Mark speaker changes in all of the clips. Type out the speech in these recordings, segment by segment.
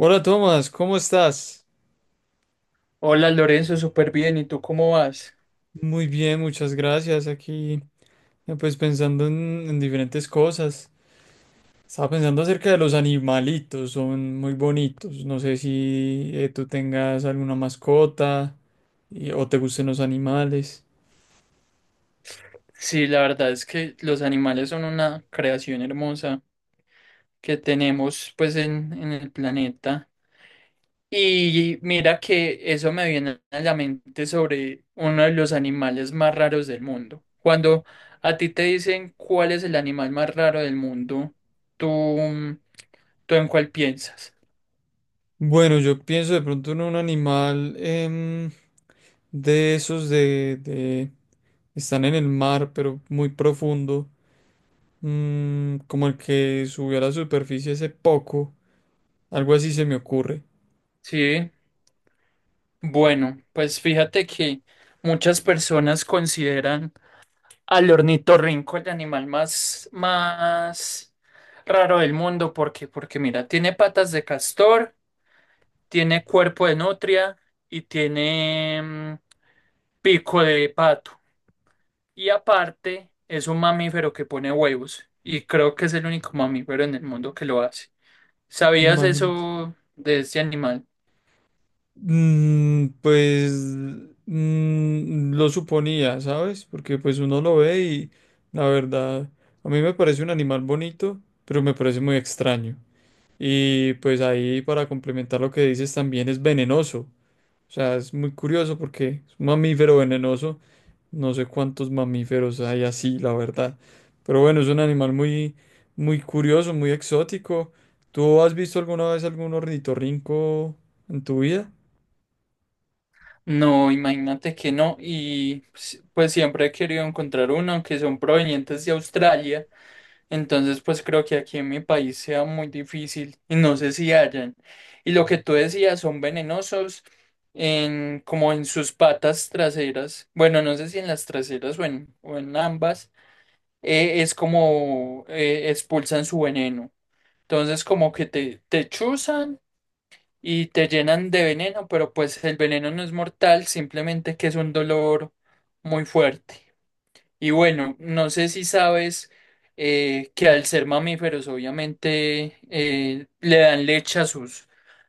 Speaker 1: Hola Tomás, ¿cómo estás?
Speaker 2: Hola Lorenzo, súper bien. ¿Y tú cómo vas?
Speaker 1: Muy bien, muchas gracias. Aquí, pues pensando en diferentes cosas. Estaba pensando acerca de los animalitos, son muy bonitos. No sé si tú tengas alguna mascota o te gusten los animales.
Speaker 2: Sí, la verdad es que los animales son una creación hermosa que tenemos pues en el planeta. Y mira que eso me viene a la mente sobre uno de los animales más raros del mundo. Cuando a ti te dicen cuál es el animal más raro del mundo, ¿tú, tú en cuál piensas?
Speaker 1: Bueno, yo pienso de pronto en un animal de esos de. Están en el mar, pero muy profundo. Como el que subió a la superficie hace poco. Algo así se me ocurre.
Speaker 2: Sí. Bueno, pues fíjate que muchas personas consideran al ornitorrinco, el animal más raro del mundo. ¿Por qué? Porque mira, tiene patas de castor, tiene cuerpo de nutria y tiene pico de pato. Y aparte, es un mamífero que pone huevos. Y creo que es el único mamífero en el mundo que lo hace. ¿Sabías
Speaker 1: Imagínate.
Speaker 2: eso de este animal?
Speaker 1: Pues lo suponía, ¿sabes? Porque pues uno lo ve y la verdad, a mí me parece un animal bonito, pero me parece muy extraño. Y pues ahí para complementar lo que dices también es venenoso. O sea, es muy curioso porque es un mamífero venenoso. No sé cuántos mamíferos hay así, la verdad. Pero bueno, es un animal muy, muy curioso, muy exótico. ¿Tú has visto alguna vez algún ornitorrinco en tu vida?
Speaker 2: No, imagínate que no. Y pues siempre he querido encontrar uno, aunque son provenientes de Australia. Entonces, pues creo que aquí en mi país sea muy difícil y no sé si hayan. Y lo que tú decías, son venenosos en, como en sus patas traseras. Bueno, no sé si en las traseras o en ambas. Es como expulsan su veneno. Entonces, como que te chuzan y te llenan de veneno, pero pues el veneno no es mortal, simplemente que es un dolor muy fuerte. Y bueno, no sé si sabes que al ser mamíferos obviamente le dan leche a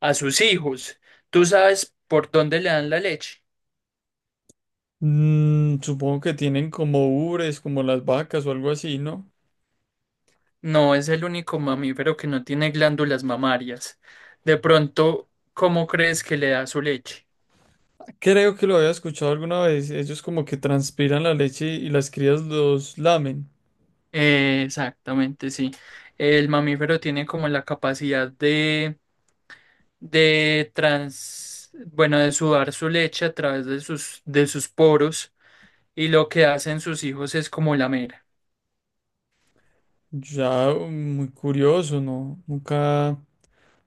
Speaker 2: a sus hijos. ¿Tú sabes por dónde le dan la leche?
Speaker 1: Supongo que tienen como ubres, como las vacas o algo así, ¿no?
Speaker 2: No es el único mamífero que no tiene glándulas mamarias. De pronto, ¿cómo crees que le da su leche?
Speaker 1: Creo que lo había escuchado alguna vez. Ellos como que transpiran la leche y las crías los lamen.
Speaker 2: Exactamente, sí. El mamífero tiene como la capacidad de bueno, de sudar su leche a través de sus poros y lo que hacen sus hijos es como lamer.
Speaker 1: Ya, muy curioso, ¿no? Nunca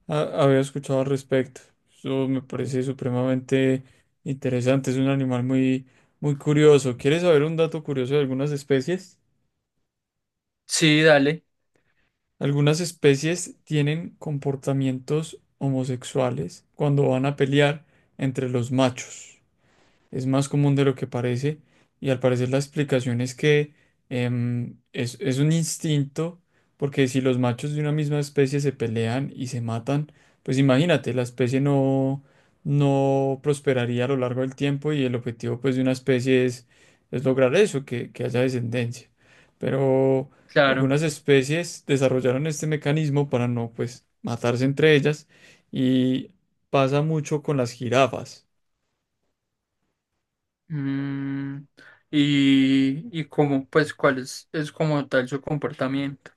Speaker 1: había escuchado al respecto. Eso me parece supremamente interesante. Es un animal muy, muy curioso. ¿Quieres saber un dato curioso de algunas especies?
Speaker 2: Sí, dale,
Speaker 1: Algunas especies tienen comportamientos homosexuales cuando van a pelear entre los machos. Es más común de lo que parece y al parecer la explicación es que es un instinto, porque si los machos de una misma especie se pelean y se matan, pues imagínate, la especie no, no prosperaría a lo largo del tiempo, y el objetivo pues de una especie es lograr eso, que haya descendencia. Pero
Speaker 2: claro.
Speaker 1: algunas especies desarrollaron este mecanismo para no pues matarse entre ellas y pasa mucho con las jirafas.
Speaker 2: Mm, y como, pues, cuál es como tal su comportamiento.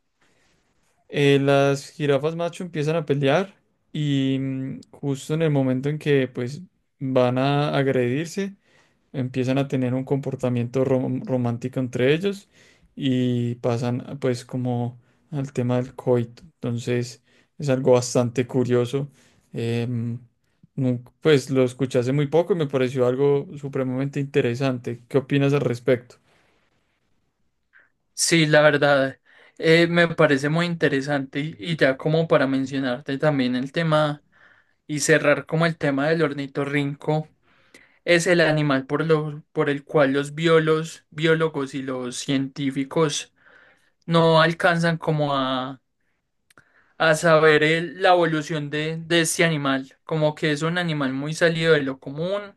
Speaker 1: Las jirafas macho empiezan a pelear y, justo en el momento en que pues van a agredirse, empiezan a tener un comportamiento romántico entre ellos y pasan pues como al tema del coito. Entonces es algo bastante curioso. Em, pues lo escuché hace muy poco y me pareció algo supremamente interesante. ¿Qué opinas al respecto?
Speaker 2: Sí, la verdad, me parece muy interesante y ya como para mencionarte también el tema y cerrar como el tema del ornitorrinco. Es el animal por por el cual los biólogos y los científicos no alcanzan como a saber la evolución de este animal, como que es un animal muy salido de lo común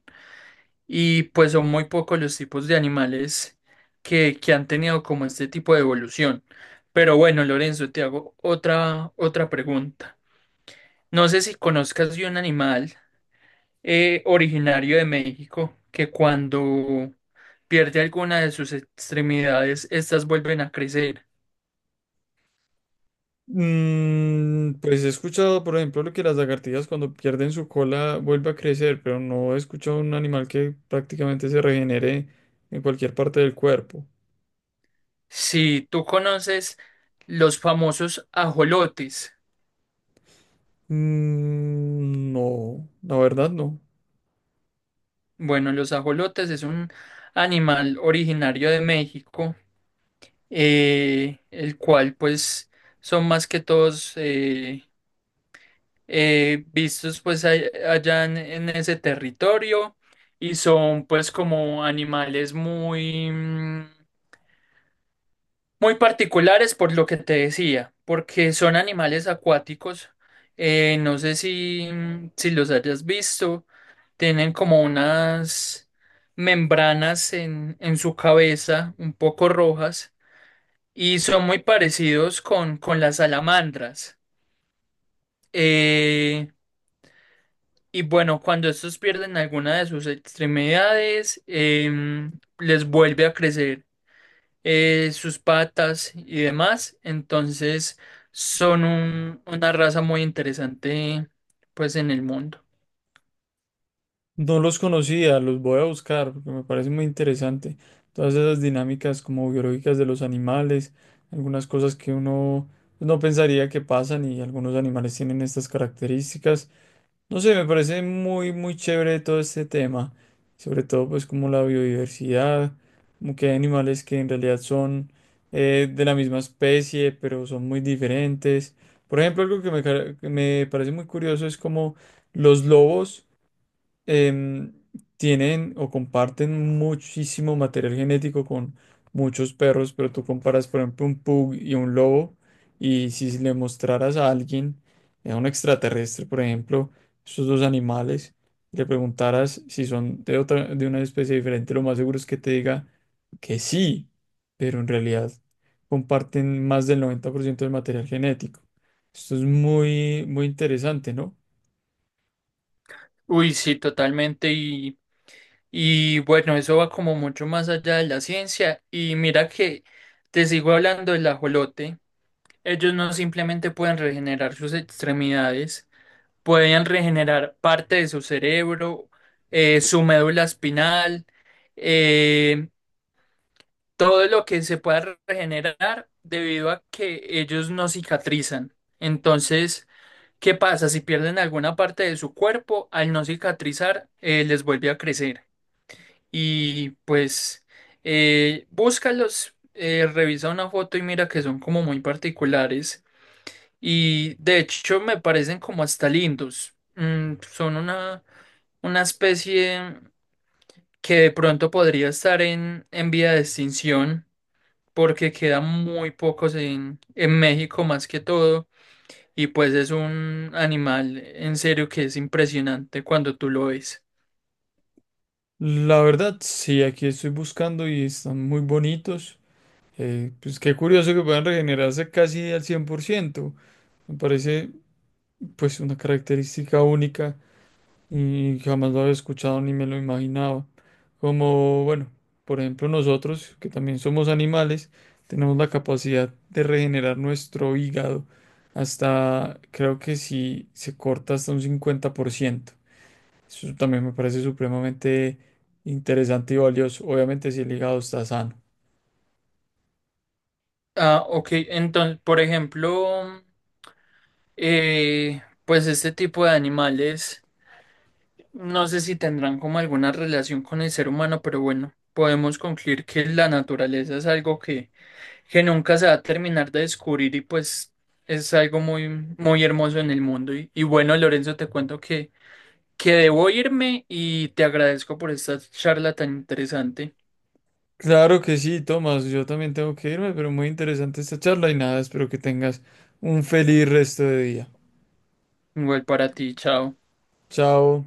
Speaker 2: y pues son muy pocos los tipos de animales que han tenido como este tipo de evolución. Pero bueno, Lorenzo, te hago otra pregunta. No sé si conozcas de un animal originario de México, que cuando pierde alguna de sus extremidades, estas vuelven a crecer.
Speaker 1: Pues he escuchado, por ejemplo, lo que las lagartijas cuando pierden su cola vuelve a crecer, pero no he escuchado un animal que prácticamente se regenere en cualquier parte del cuerpo.
Speaker 2: Si tú conoces los famosos ajolotes,
Speaker 1: Mm, no, la verdad no.
Speaker 2: bueno, los ajolotes es un animal originario de México, el cual pues son más que todos vistos pues allá en ese territorio y son pues como animales muy... muy particulares por lo que te decía, porque son animales acuáticos. No sé si los hayas visto. Tienen como unas membranas en su cabeza, un poco rojas, y son muy parecidos con las salamandras. Eh, y bueno, cuando estos pierden alguna de sus extremidades, les vuelve a crecer sus patas y demás. Entonces son una raza muy interesante pues en el mundo.
Speaker 1: No los conocía, los voy a buscar porque me parece muy interesante. Todas esas dinámicas como biológicas de los animales, algunas cosas que uno pues no pensaría que pasan, y algunos animales tienen estas características. No sé, me parece muy, muy chévere todo este tema. Sobre todo, pues, como la biodiversidad, como que hay animales que en realidad son de la misma especie, pero son muy diferentes. Por ejemplo, algo que me parece muy curioso es como los lobos em, tienen o comparten muchísimo material genético con muchos perros, pero tú comparas, por ejemplo, un pug y un lobo, y si le mostraras a alguien, a un extraterrestre, por ejemplo, esos dos animales, y le preguntaras si son de una especie diferente, lo más seguro es que te diga que sí, pero en realidad comparten más del 90% del material genético. Esto es muy, muy interesante, ¿no?
Speaker 2: Uy, sí, totalmente. Y bueno, eso va como mucho más allá de la ciencia. Y mira que te sigo hablando del ajolote. Ellos no simplemente pueden regenerar sus extremidades, pueden regenerar parte de su cerebro, su médula espinal. eh, Todo lo que se pueda regenerar debido a que ellos no cicatrizan. Entonces, ¿qué pasa? Si pierden alguna parte de su cuerpo, al no cicatrizar, les vuelve a crecer. Y pues, búscalos, revisa una foto y mira que son como muy particulares. Y de hecho, me parecen como hasta lindos. Mm, son una especie que de pronto podría estar en vía de extinción porque quedan muy pocos en México más que todo, y pues es un animal en serio que es impresionante cuando tú lo ves.
Speaker 1: La verdad, sí, aquí estoy buscando y están muy bonitos. Pues qué curioso que puedan regenerarse casi al 100%. Me parece pues una característica única y jamás lo había escuchado ni me lo imaginaba. Como, bueno, por ejemplo nosotros, que también somos animales, tenemos la capacidad de regenerar nuestro hígado hasta, creo que si se corta, hasta un 50%. Eso también me parece supremamente interesante y valioso. Obviamente, si el hígado está sano.
Speaker 2: Ah, ok, entonces, por ejemplo, pues este tipo de animales, no sé si tendrán como alguna relación con el ser humano, pero bueno, podemos concluir que la naturaleza es algo que nunca se va a terminar de descubrir y pues es algo muy, muy hermoso en el mundo. Y bueno, Lorenzo, te cuento que debo irme y te agradezco por esta charla tan interesante.
Speaker 1: Claro que sí, Tomás. Yo también tengo que irme, pero muy interesante esta charla y nada, espero que tengas un feliz resto de día.
Speaker 2: Igual para ti, chao.
Speaker 1: Chao.